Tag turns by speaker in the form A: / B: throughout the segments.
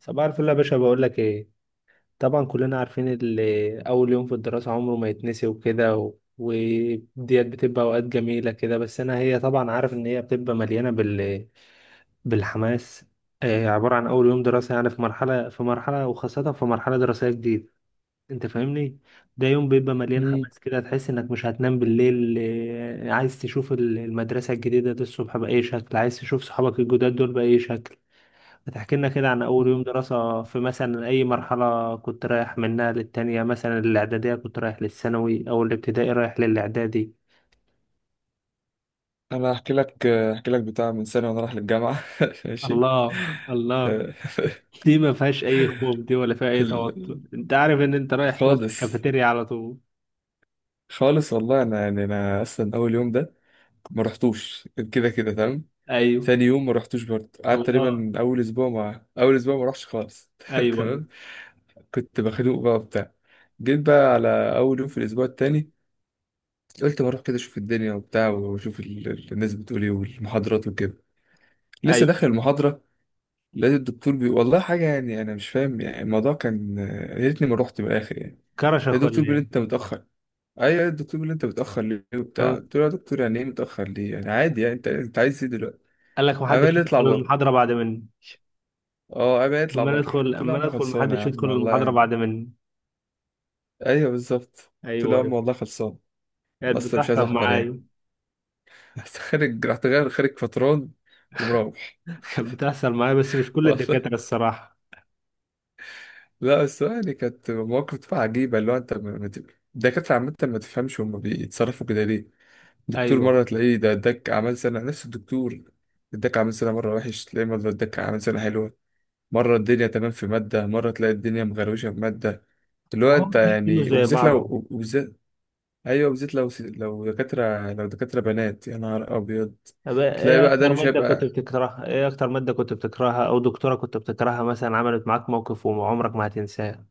A: صباح الفل يا باشا، بقول لك ايه؟ طبعا كلنا عارفين اللي اول يوم في الدراسة عمره ما يتنسي وكده وديت بتبقى اوقات جميلة كده. بس انا هي طبعا عارف ان هي بتبقى مليانة بالحماس. عبارة عن اول يوم دراسة، يعني في مرحلة، وخاصة في مرحلة دراسية جديدة. انت فاهمني؟ ده يوم بيبقى مليان
B: مم.
A: حماس كده، تحس انك مش هتنام بالليل. عايز تشوف المدرسة الجديدة دي الصبح بأي شكل، عايز تشوف صحابك الجداد دول بأي شكل. بتحكي لنا كده عن أول يوم
B: مم.
A: دراسة في مثلا أي مرحلة كنت رايح منها للتانية، مثلا الإعدادية كنت رايح للثانوي، أو الابتدائي رايح للإعدادي.
B: انا هحكي لك بتاع من سنه وانا رايح للجامعه. ماشي.
A: الله. الله.
B: آه،
A: دي ما فيهاش أي خوف، دي ولا فيها أي توتر.
B: ال-
A: أنت عارف إن أنت رايح تقعد في
B: خالص.
A: الكافيتيريا على طول.
B: خالص والله، انا اصلا اول يوم ده ما رحتوش، كده كده تمام.
A: أيوه.
B: ثاني يوم ما رحتوش برضه، قعدت
A: الله.
B: تقريبا اول اسبوع، ما رحتش خالص
A: أيوه، أيوه،
B: تمام. كنت بخنوق بقى وبتاع. جيت بقى على اول يوم في الاسبوع التاني. قلت ما اروح كده اشوف الدنيا وبتاع، واشوف الناس بتقول ايه، والمحاضرات وكده. لسه داخل
A: أيوه.
B: المحاضره، لقيت الدكتور والله حاجة، يعني أنا مش فاهم، يعني الموضوع كان يا ريتني ما رحت من الآخر يعني.
A: كرشك
B: لقيت
A: ولا
B: الدكتور بيقول لي
A: إيه؟
B: أنت متأخر. أيوة، الدكتور بيقول لي أنت متأخر ليه وبتاع،
A: طب،
B: قلت له يا دكتور يعني إيه متأخر ليه؟ يعني عادي، يعني أنت عايز إيه دلوقتي؟
A: قال لك
B: قام قال
A: محدش
B: لي اطلع
A: يدخل
B: بره.
A: المحاضرة بعد مني؟
B: أه، قام قال لي اطلع
A: أما
B: بره،
A: ندخل،
B: قلت له يا
A: أما
B: عم
A: ندخل
B: خلصانة، يا
A: محدش
B: عم
A: يدخل
B: والله
A: المحاضرة
B: يعني.
A: بعد مني.
B: أيوة بالظبط، قلت له
A: أيوه،
B: يا عم
A: أيوه.
B: والله خلصانة. أنا
A: كانت
B: أصلا مش عايز
A: بتحصل
B: أحضر يعني.
A: معايا.
B: بس خارج، رحت غير خارج فتران، ومروح.
A: كانت بتحصل معايا، بس مش كل الدكاترة الصراحة.
B: لا، بس هو يعني كانت مواقف عجيبة، اللي هو انت الدكاترة عامة ما تفهمش، هما بيتصرفوا كده ليه. الدكتور
A: أيوه.
B: مرة تلاقيه ده اداك أعمال سنة، نفس الدكتور اداك أعمال سنة مرة وحش، تلاقيه مرة اداك أعمال سنة حلوة. مرة الدنيا تمام في مادة، مرة تلاقي الدنيا مغروشة في مادة. اللي
A: ما
B: هو
A: هو
B: انت
A: مش كله
B: يعني،
A: زي
B: وبالذات
A: بعضه.
B: وبالذات أيوه بالذات، لو دكاترة لو دكاترة بنات، يا نهار أبيض.
A: طب
B: تلاقي
A: إيه
B: بقى ده
A: أكتر
B: مش
A: مادة كنت
B: هيبقى.
A: بتكرهها، إيه أكتر مادة كنت بتكرهها أو دكتورة كنت بتكرهها مثلا عملت معاك موقف وعمرك ما هتنساه؟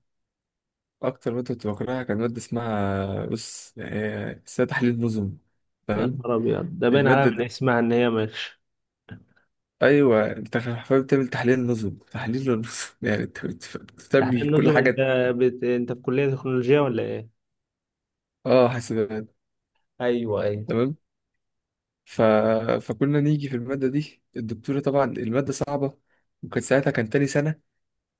B: أكتر مادة كنت بكرهها كان مادة اسمها بص، يعني اسمها تحليل نظم،
A: يا
B: تمام.
A: نهار أبيض، ده باين
B: المادة
A: عليها من
B: دي
A: اسمها إن هي مش.
B: ايوه، انت حرفيا بتعمل تحليل نظم، تحليل للنظم. يعني انت
A: تحليل
B: بتعمل كل
A: النظم، أنت
B: حاجه.
A: أنت في كلية تكنولوجيا ولا إيه؟
B: اه، حاسبات،
A: أيوه، أيوه.
B: تمام. ف... فكنا نيجي في الماده دي، الدكتوره، طبعا الماده صعبه، وكان ساعتها تاني سنه.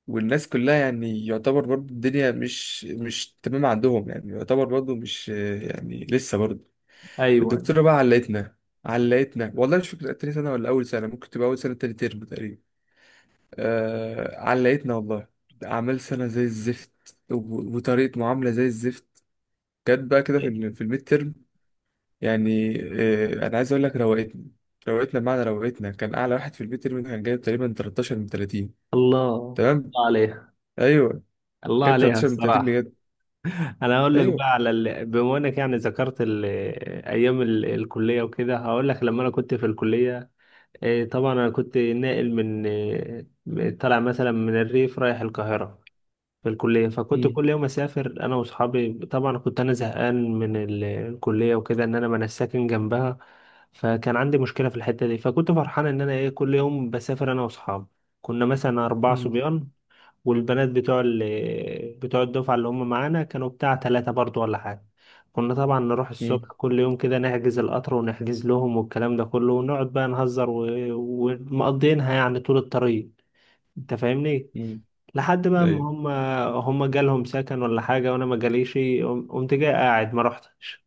B: والناس كلها يعني يعتبر برضو الدنيا مش تمام عندهم، يعني يعتبر برضو مش، يعني لسه برضو.
A: أيوه.
B: الدكتوره بقى علقتنا. علقتنا والله، مش فاكر تاني سنه ولا اول سنه، ممكن تبقى اول سنه تاني ترم تقريبا. آه، علقتنا والله. أعمال سنة زي الزفت، وطريقة معاملة زي الزفت. جت بقى كده في الميد ترم. يعني أنا عايز أقول لك روقتنا. روقتنا بمعنى روقتنا، كان أعلى واحد في الميد ترم كان جايب تقريبا 13 من 30.
A: الله.
B: تمام.
A: الله عليها.
B: أيوه،
A: الله
B: كان
A: عليها
B: 13 من 30
A: الصراحة.
B: بجد.
A: انا هقول لك
B: أيوه.
A: بقى بما انك يعني ذكرت ايام الكليه وكده، هقول لك لما انا كنت في الكليه. طبعا انا كنت ناقل من طالع مثلا من الريف رايح القاهره. في الكليه، فكنت
B: مم.
A: كل يوم اسافر انا واصحابي. طبعا كنت انا زهقان من الكليه وكده، ان انا ما انا ساكن جنبها. فكان عندي مشكله في الحته دي. فكنت فرحان ان انا ايه، كل يوم بسافر انا واصحابي. كنا مثلا اربعه
B: مم.
A: صبيان. والبنات بتوع بتوع الدفعة اللي هم معانا كانوا بتاع تلاتة برضو ولا حاجة. كنا طبعا نروح
B: مم.
A: الصبح كل يوم كده، نحجز القطر ونحجز لهم والكلام ده كله، ونقعد بقى نهزر ومقضينها يعني طول الطريق. انت فاهمني؟
B: مم.
A: لحد بقى ما
B: أيوه.
A: هم، هم جالهم سكن ولا حاجة، وانا ما جاليش. قمت جاي قاعد ما رحتش.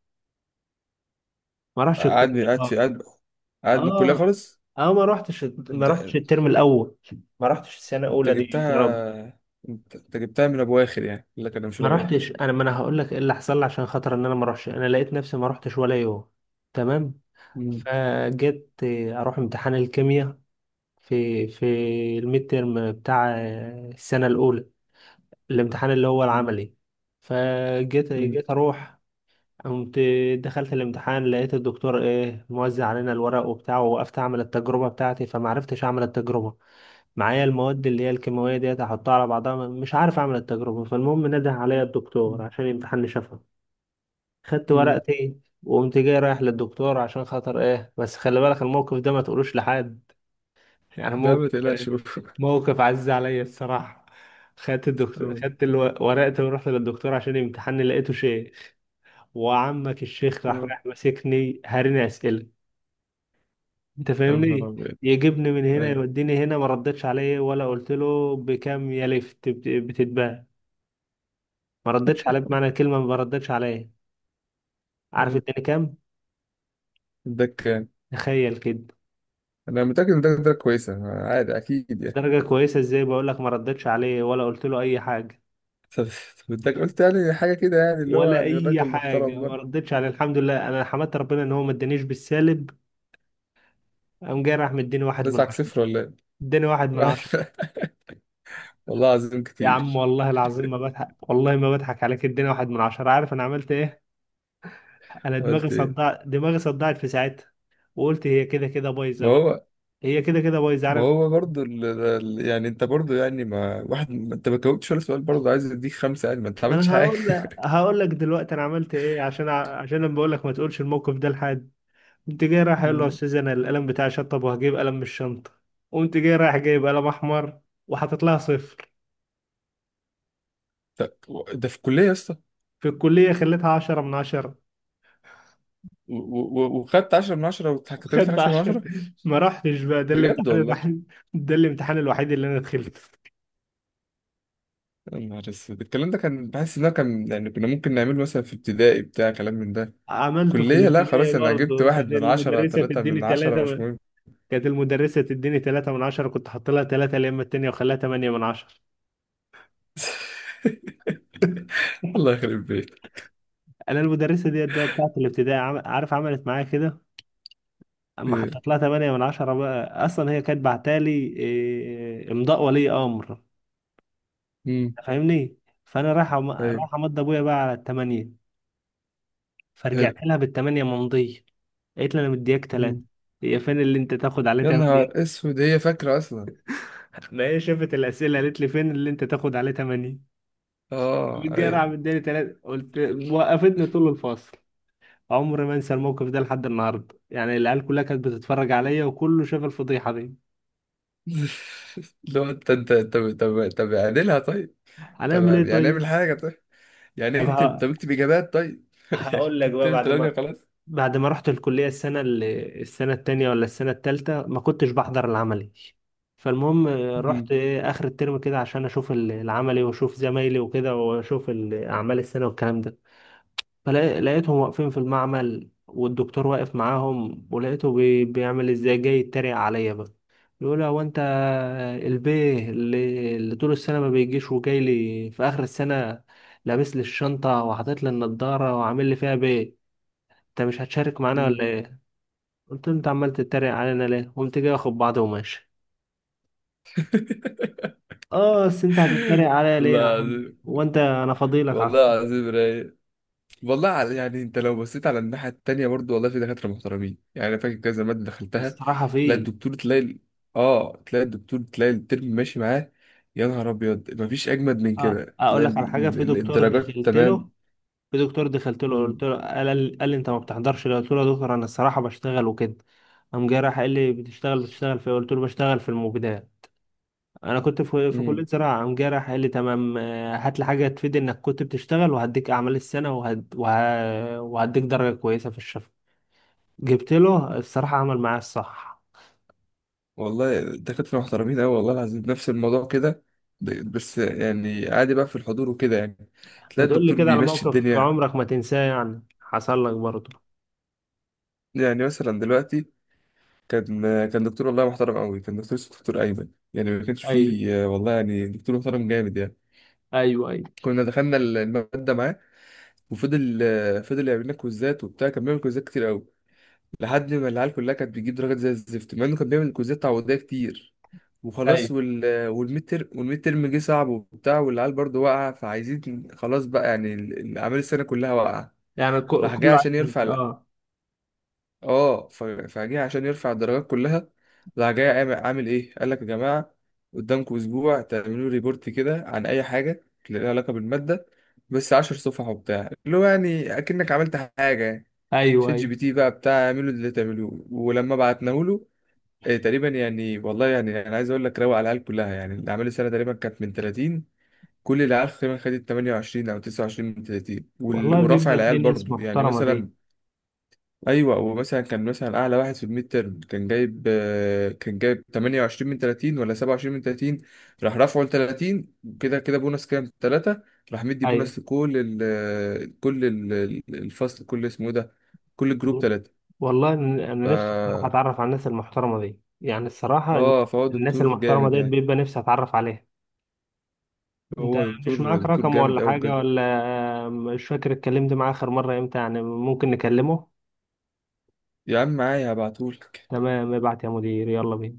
A: ما رحتش الكلية.
B: قعدني قعد في
A: اه.
B: قعد قعد من الكلية
A: اه.
B: خالص.
A: اه، ما رحتش. ما رحتش
B: ده-
A: الترم الاول. ما رحتش السنة
B: أنت
A: الاولى دي يا رب.
B: جبتها. أنت جبتها من أبو آخر، يعني يقول لك أنا مش
A: ما
B: رايح.
A: رحتش. انا ما انا هقول لك ايه اللي حصل لي عشان خاطر ان انا ما اروحش. انا لقيت نفسي ما رحتش ولا يوم. تمام.
B: مم.
A: فجيت اروح امتحان الكيمياء في الميد تيرم بتاع السنه الاولى، الامتحان اللي هو
B: مم.
A: العملي. جيت اروح، قمت دخلت الامتحان، لقيت الدكتور ايه موزع علينا الورق وبتاعه. ووقفت اعمل التجربه بتاعتي فما عرفتش اعمل التجربه. معايا المواد اللي هي الكيماويه ديت، احطها على بعضها مش عارف اعمل التجربه. فالمهم نده عليا الدكتور
B: مم.
A: عشان يمتحنني شفوي. خدت
B: مم.
A: ورقتي وقمت جاي رايح للدكتور عشان خاطر ايه، بس خلي بالك الموقف ده ما تقولوش لحد. يعني
B: لا ما
A: موقف،
B: تقلقش
A: موقف عز عليا الصراحة. خدت الدكتور، خدت ورقتي ورحت للدكتور عشان يمتحني، لقيته شيخ. وعمك الشيخ راح
B: أه.
A: رايح ماسكني، هاريني أسئلة. انت
B: يا نهار
A: فاهمني؟
B: أبيض.
A: يجيبني من هنا
B: أيوة،
A: يوديني هنا، ما ردتش عليه ولا قلت له بكام يا لفت بتتباع. ما ردتش عليه بمعنى الكلمة ما ردتش عليه. عارف
B: أيوة.
A: اداني كام؟
B: الدك كان
A: تخيل كده.
B: أنا متأكد إن ده كويسة، عادي، أكيد يعني.
A: درجة كويسة ازاي، بقول لك ما ردتش عليه ولا قلت له اي حاجة.
B: طب طب، إداك قلت يعني حاجة كده، يعني اللي هو
A: ولا
B: يعني
A: اي
B: الراجل محترم
A: حاجة ما
B: برضه.
A: ردتش عليه. الحمد لله، انا حمدت ربنا ان هو ما ادانيش بالسالب. قام جاي راح مديني واحد من
B: رزعك
A: عشرة
B: صفر ولا إيه؟
A: اداني واحد من عشرة
B: واحد- والله العظيم
A: يا عم
B: كتير.
A: والله العظيم ما بضحك، والله ما بضحك عليك، اداني 1 من 10. عارف انا عملت ايه؟ انا دماغي
B: قلت إيه؟
A: صدعت، دماغي صدعت في ساعتها. وقلت هي كده كده بايظة
B: ما
A: بقى.
B: هو،
A: هي كده كده بايظة،
B: ما
A: عارف.
B: هو برضه يعني أنت برضه يعني، ما واحد ما أنت ما جاوبتش ولا سؤال، برضه عايز أديك خمسة يعني؟ ما أنت
A: ما
B: عملتش
A: انا
B: حاجة.
A: هقول لك، هقول لك دلوقتي انا عملت ايه عشان عشان انا بقول لك ما تقولش الموقف ده لحد. قمت جاي رايح اقول له يا
B: مم.
A: استاذ، انا القلم بتاعي شطب وهجيب قلم من الشنطه. قمت جاي رايح جايب قلم احمر، وحاطط لها صفر.
B: طب، ده في الكلية يا اسطى؟
A: في الكليه، خليتها 10 من 10.
B: وخدت 10 من 10، واتكتبت لك
A: خدت
B: 10 من
A: عشرة
B: 10
A: ما رحتش بقى، ده
B: بجد
A: الامتحان
B: والله؟
A: الوحيد، ده الامتحان الوحيد اللي انا دخلته.
B: يا نهار اسود، الكلام ده كان بحس ان هو كان، يعني كنا ممكن نعمله مثلا في ابتدائي، بتاع كلام من ده.
A: عملته في
B: كلية، لا خلاص.
A: الابتدائي
B: انا جبت
A: برضه.
B: واحد
A: كانت
B: من عشرة،
A: المدرسة
B: تلاتة
A: تديني
B: من عشرة،
A: ثلاثة
B: مش
A: من...
B: مهم.
A: كانت المدرسة تديني 3 من 10، كنت حاط لها ثلاثة يا اما التانية وخليها 8 من 10
B: الله يخرب بيتك.
A: أنا المدرسة ديت بقى بتاعت الابتدائي عارف عملت معايا كده، اما
B: خير.
A: حطيت لها 8 من 10 بقى، اصلا هي كانت بعتالي امضاء ولي امر.
B: امم
A: فاهمني. فانا رايح
B: ايوه،
A: رايح امضي ابويا بقى على الثمانية. فرجعت
B: حلو.
A: لها بالثمانية ممضية. قالت لي انا مدياك ثلاثة.
B: امم
A: هي فين اللي انت تاخد عليه
B: يا نهار
A: 8
B: اسود، هي فاكرة اصلا؟
A: ما هي شافت الاسئله، قالت لي فين اللي انت تاخد عليه 8.
B: اه
A: متجرع
B: ايوه.
A: مداني ثلاثة، قلت. وقفتني طول الفصل. عمري ما انسى الموقف ده لحد النهارده، يعني العيال كلها كانت بتتفرج عليا وكله شاف الفضيحه دي.
B: لو انت طب طب طب اعدلها طيب.
A: هنعمل ايه
B: طب يعني
A: طيب؟
B: اعمل حاجة طيب. يعني
A: طب
B: اكتب، طب اكتب اجابات طيب. يعني
A: هقول لك بقى
B: تكتب،
A: بعد
B: تلاقيني
A: ما،
B: خلاص.
A: بعد ما رحت الكلية السنة اللي السنة التانية ولا السنة التالتة، ما كنتش بحضر العملي. فالمهم رحت
B: امم
A: إيه آخر الترم كده عشان أشوف العملي وأشوف زمايلي وكده وأشوف أعمال السنة والكلام ده. فلقيتهم واقفين في المعمل والدكتور واقف معاهم، ولقيته بيعمل إزاي، جاي يتريق عليا بقى. يقول هو أنت البيه اللي طول السنة ما بيجيش وجاي لي في آخر السنة، لابس لي الشنطة وحاطط لي النضارة وعامل لي فيها بيه. انت مش هتشارك معانا
B: امم
A: ولا؟ قلت له انت عمال تتريق علينا ليه؟ قمت جاي واخد بعضه وماشي. اه بس انت هتتريق عليا ليه يا عم؟
B: الله.
A: وانت انا فاضيلك على
B: والله
A: الصبح؟
B: العظيم رايق. والله يعني انت لو بصيت على الناحية التانية برضو، والله في دكاترة محترمين. يعني انا فاكر كذا مادة دخلتها.
A: الصراحه،
B: تلاقي
A: في.
B: الدكتور تلاقي ال- اه، تلاقي الدكتور تلاقي الترم ماشي معاه. يا نهار ابيض، مفيش اجمد من
A: اه
B: كده،
A: اقول
B: تلاقي
A: لك على حاجه، في دكتور
B: الدرجات
A: دخلت له،
B: تمام.
A: في دكتور دخلت له قلت
B: مم.
A: له، قال لي انت ما بتحضرش ليه؟ قلت له يا دكتور انا الصراحه بشتغل وكده. قام جاي راح قال لي بتشتغل، بتشتغل في إيه؟ قلت له بشتغل في المبيدات. انا كنت في كليه
B: مم.
A: زراعه. قام جاي راح قال لي تمام، هات لي حاجه تفيد انك كنت بتشتغل، وهديك اعمال السنه وهديك درجه كويسه في الشفا. جبت له، الصراحة عمل معايا الصح.
B: والله دكاترة محترمين اوي والله العظيم، نفس الموضوع كده. بس يعني عادي بقى في الحضور وكده، يعني
A: ما
B: تلاقي
A: تقول لي
B: الدكتور
A: كده على
B: بيمشي
A: موقف
B: الدنيا.
A: عمرك ما تنساه يعني حصل لك برضه.
B: يعني مثلا دلوقتي، كان كان دكتور والله محترم قوي، كان دكتور اسمه دكتور ايمن. يعني ما كانش
A: ايوه،
B: فيه والله، يعني دكتور محترم جامد يعني.
A: ايوه. ايوه،
B: كنا دخلنا الماده معاه، وفضل يعمل لنا كويزات وبتاع، كان بيعمل كويزات كتير قوي، لحد ما العيال كلها كانت بتجيب درجات زي الزفت، مع انه كان بيعمل كويزات تعويضيه كتير. وخلاص،
A: ايوه.
B: والميد ترم جه صعب وبتاع، والعيال برضه واقعه، فعايزين خلاص بقى، يعني اعمال السنه كلها واقعه.
A: يعني
B: راح جاي
A: كله
B: عشان
A: عايز
B: يرفع
A: اه.
B: اه ف- فجه عشان يرفع الدرجات كلها. راح جاي عامل ايه، قال لك يا جماعه قدامكم اسبوع تعملوا ريبورت كده عن اي حاجه اللي لها علاقه بالماده، بس عشر صفح وبتاع، اللي هو يعني اكنك عملت حاجه يعني.
A: ايوه،
B: شات جي
A: ايوه.
B: بي تي بقى بتاع، اعملوا اللي تعملوه. ولما بعتناه له، إيه تقريبا يعني، والله يعني انا عايز اقول لك روق على العيال كلها. يعني الاعمال السنه تقريبا كانت من 30، كل العيال تقريبا خدت 28 او 29 من 30،
A: والله
B: ورفع
A: بيبقى
B: العيال
A: في ناس
B: برضو يعني
A: محترمة
B: مثلا.
A: دي.
B: ايوه، ومثلا كان مثلا اعلى واحد في الميد تيرم كان جايب 28 من 30 ولا 27 من 30، راح رافعه ل 30، وكده كده بونص كام 3. راح مدي
A: ايوه.
B: بونص لكل ال كل ال الفصل، كل اسمه إيه ده، كل الجروب 3.
A: والله إن-. انا
B: ف
A: نفسي الصراحة اتعرف على الناس المحترمة دي، يعني الصراحة إن-.
B: اه فهو
A: الناس
B: دكتور
A: المحترمة
B: جامد
A: ديت
B: يعني.
A: بيبقى نفسي اتعرف عليها. انت
B: هو
A: مش
B: دكتور
A: معاك
B: دكتور
A: رقم ولا
B: جامد قوي
A: حاجة
B: بجد.
A: ولا، مش فاكر اتكلمت معاه اخر مرة امتى؟ يعني ممكن نكلمه.
B: يا عم معايا هبعتهولك.
A: تمام، ابعت يا مدير، يلا بينا.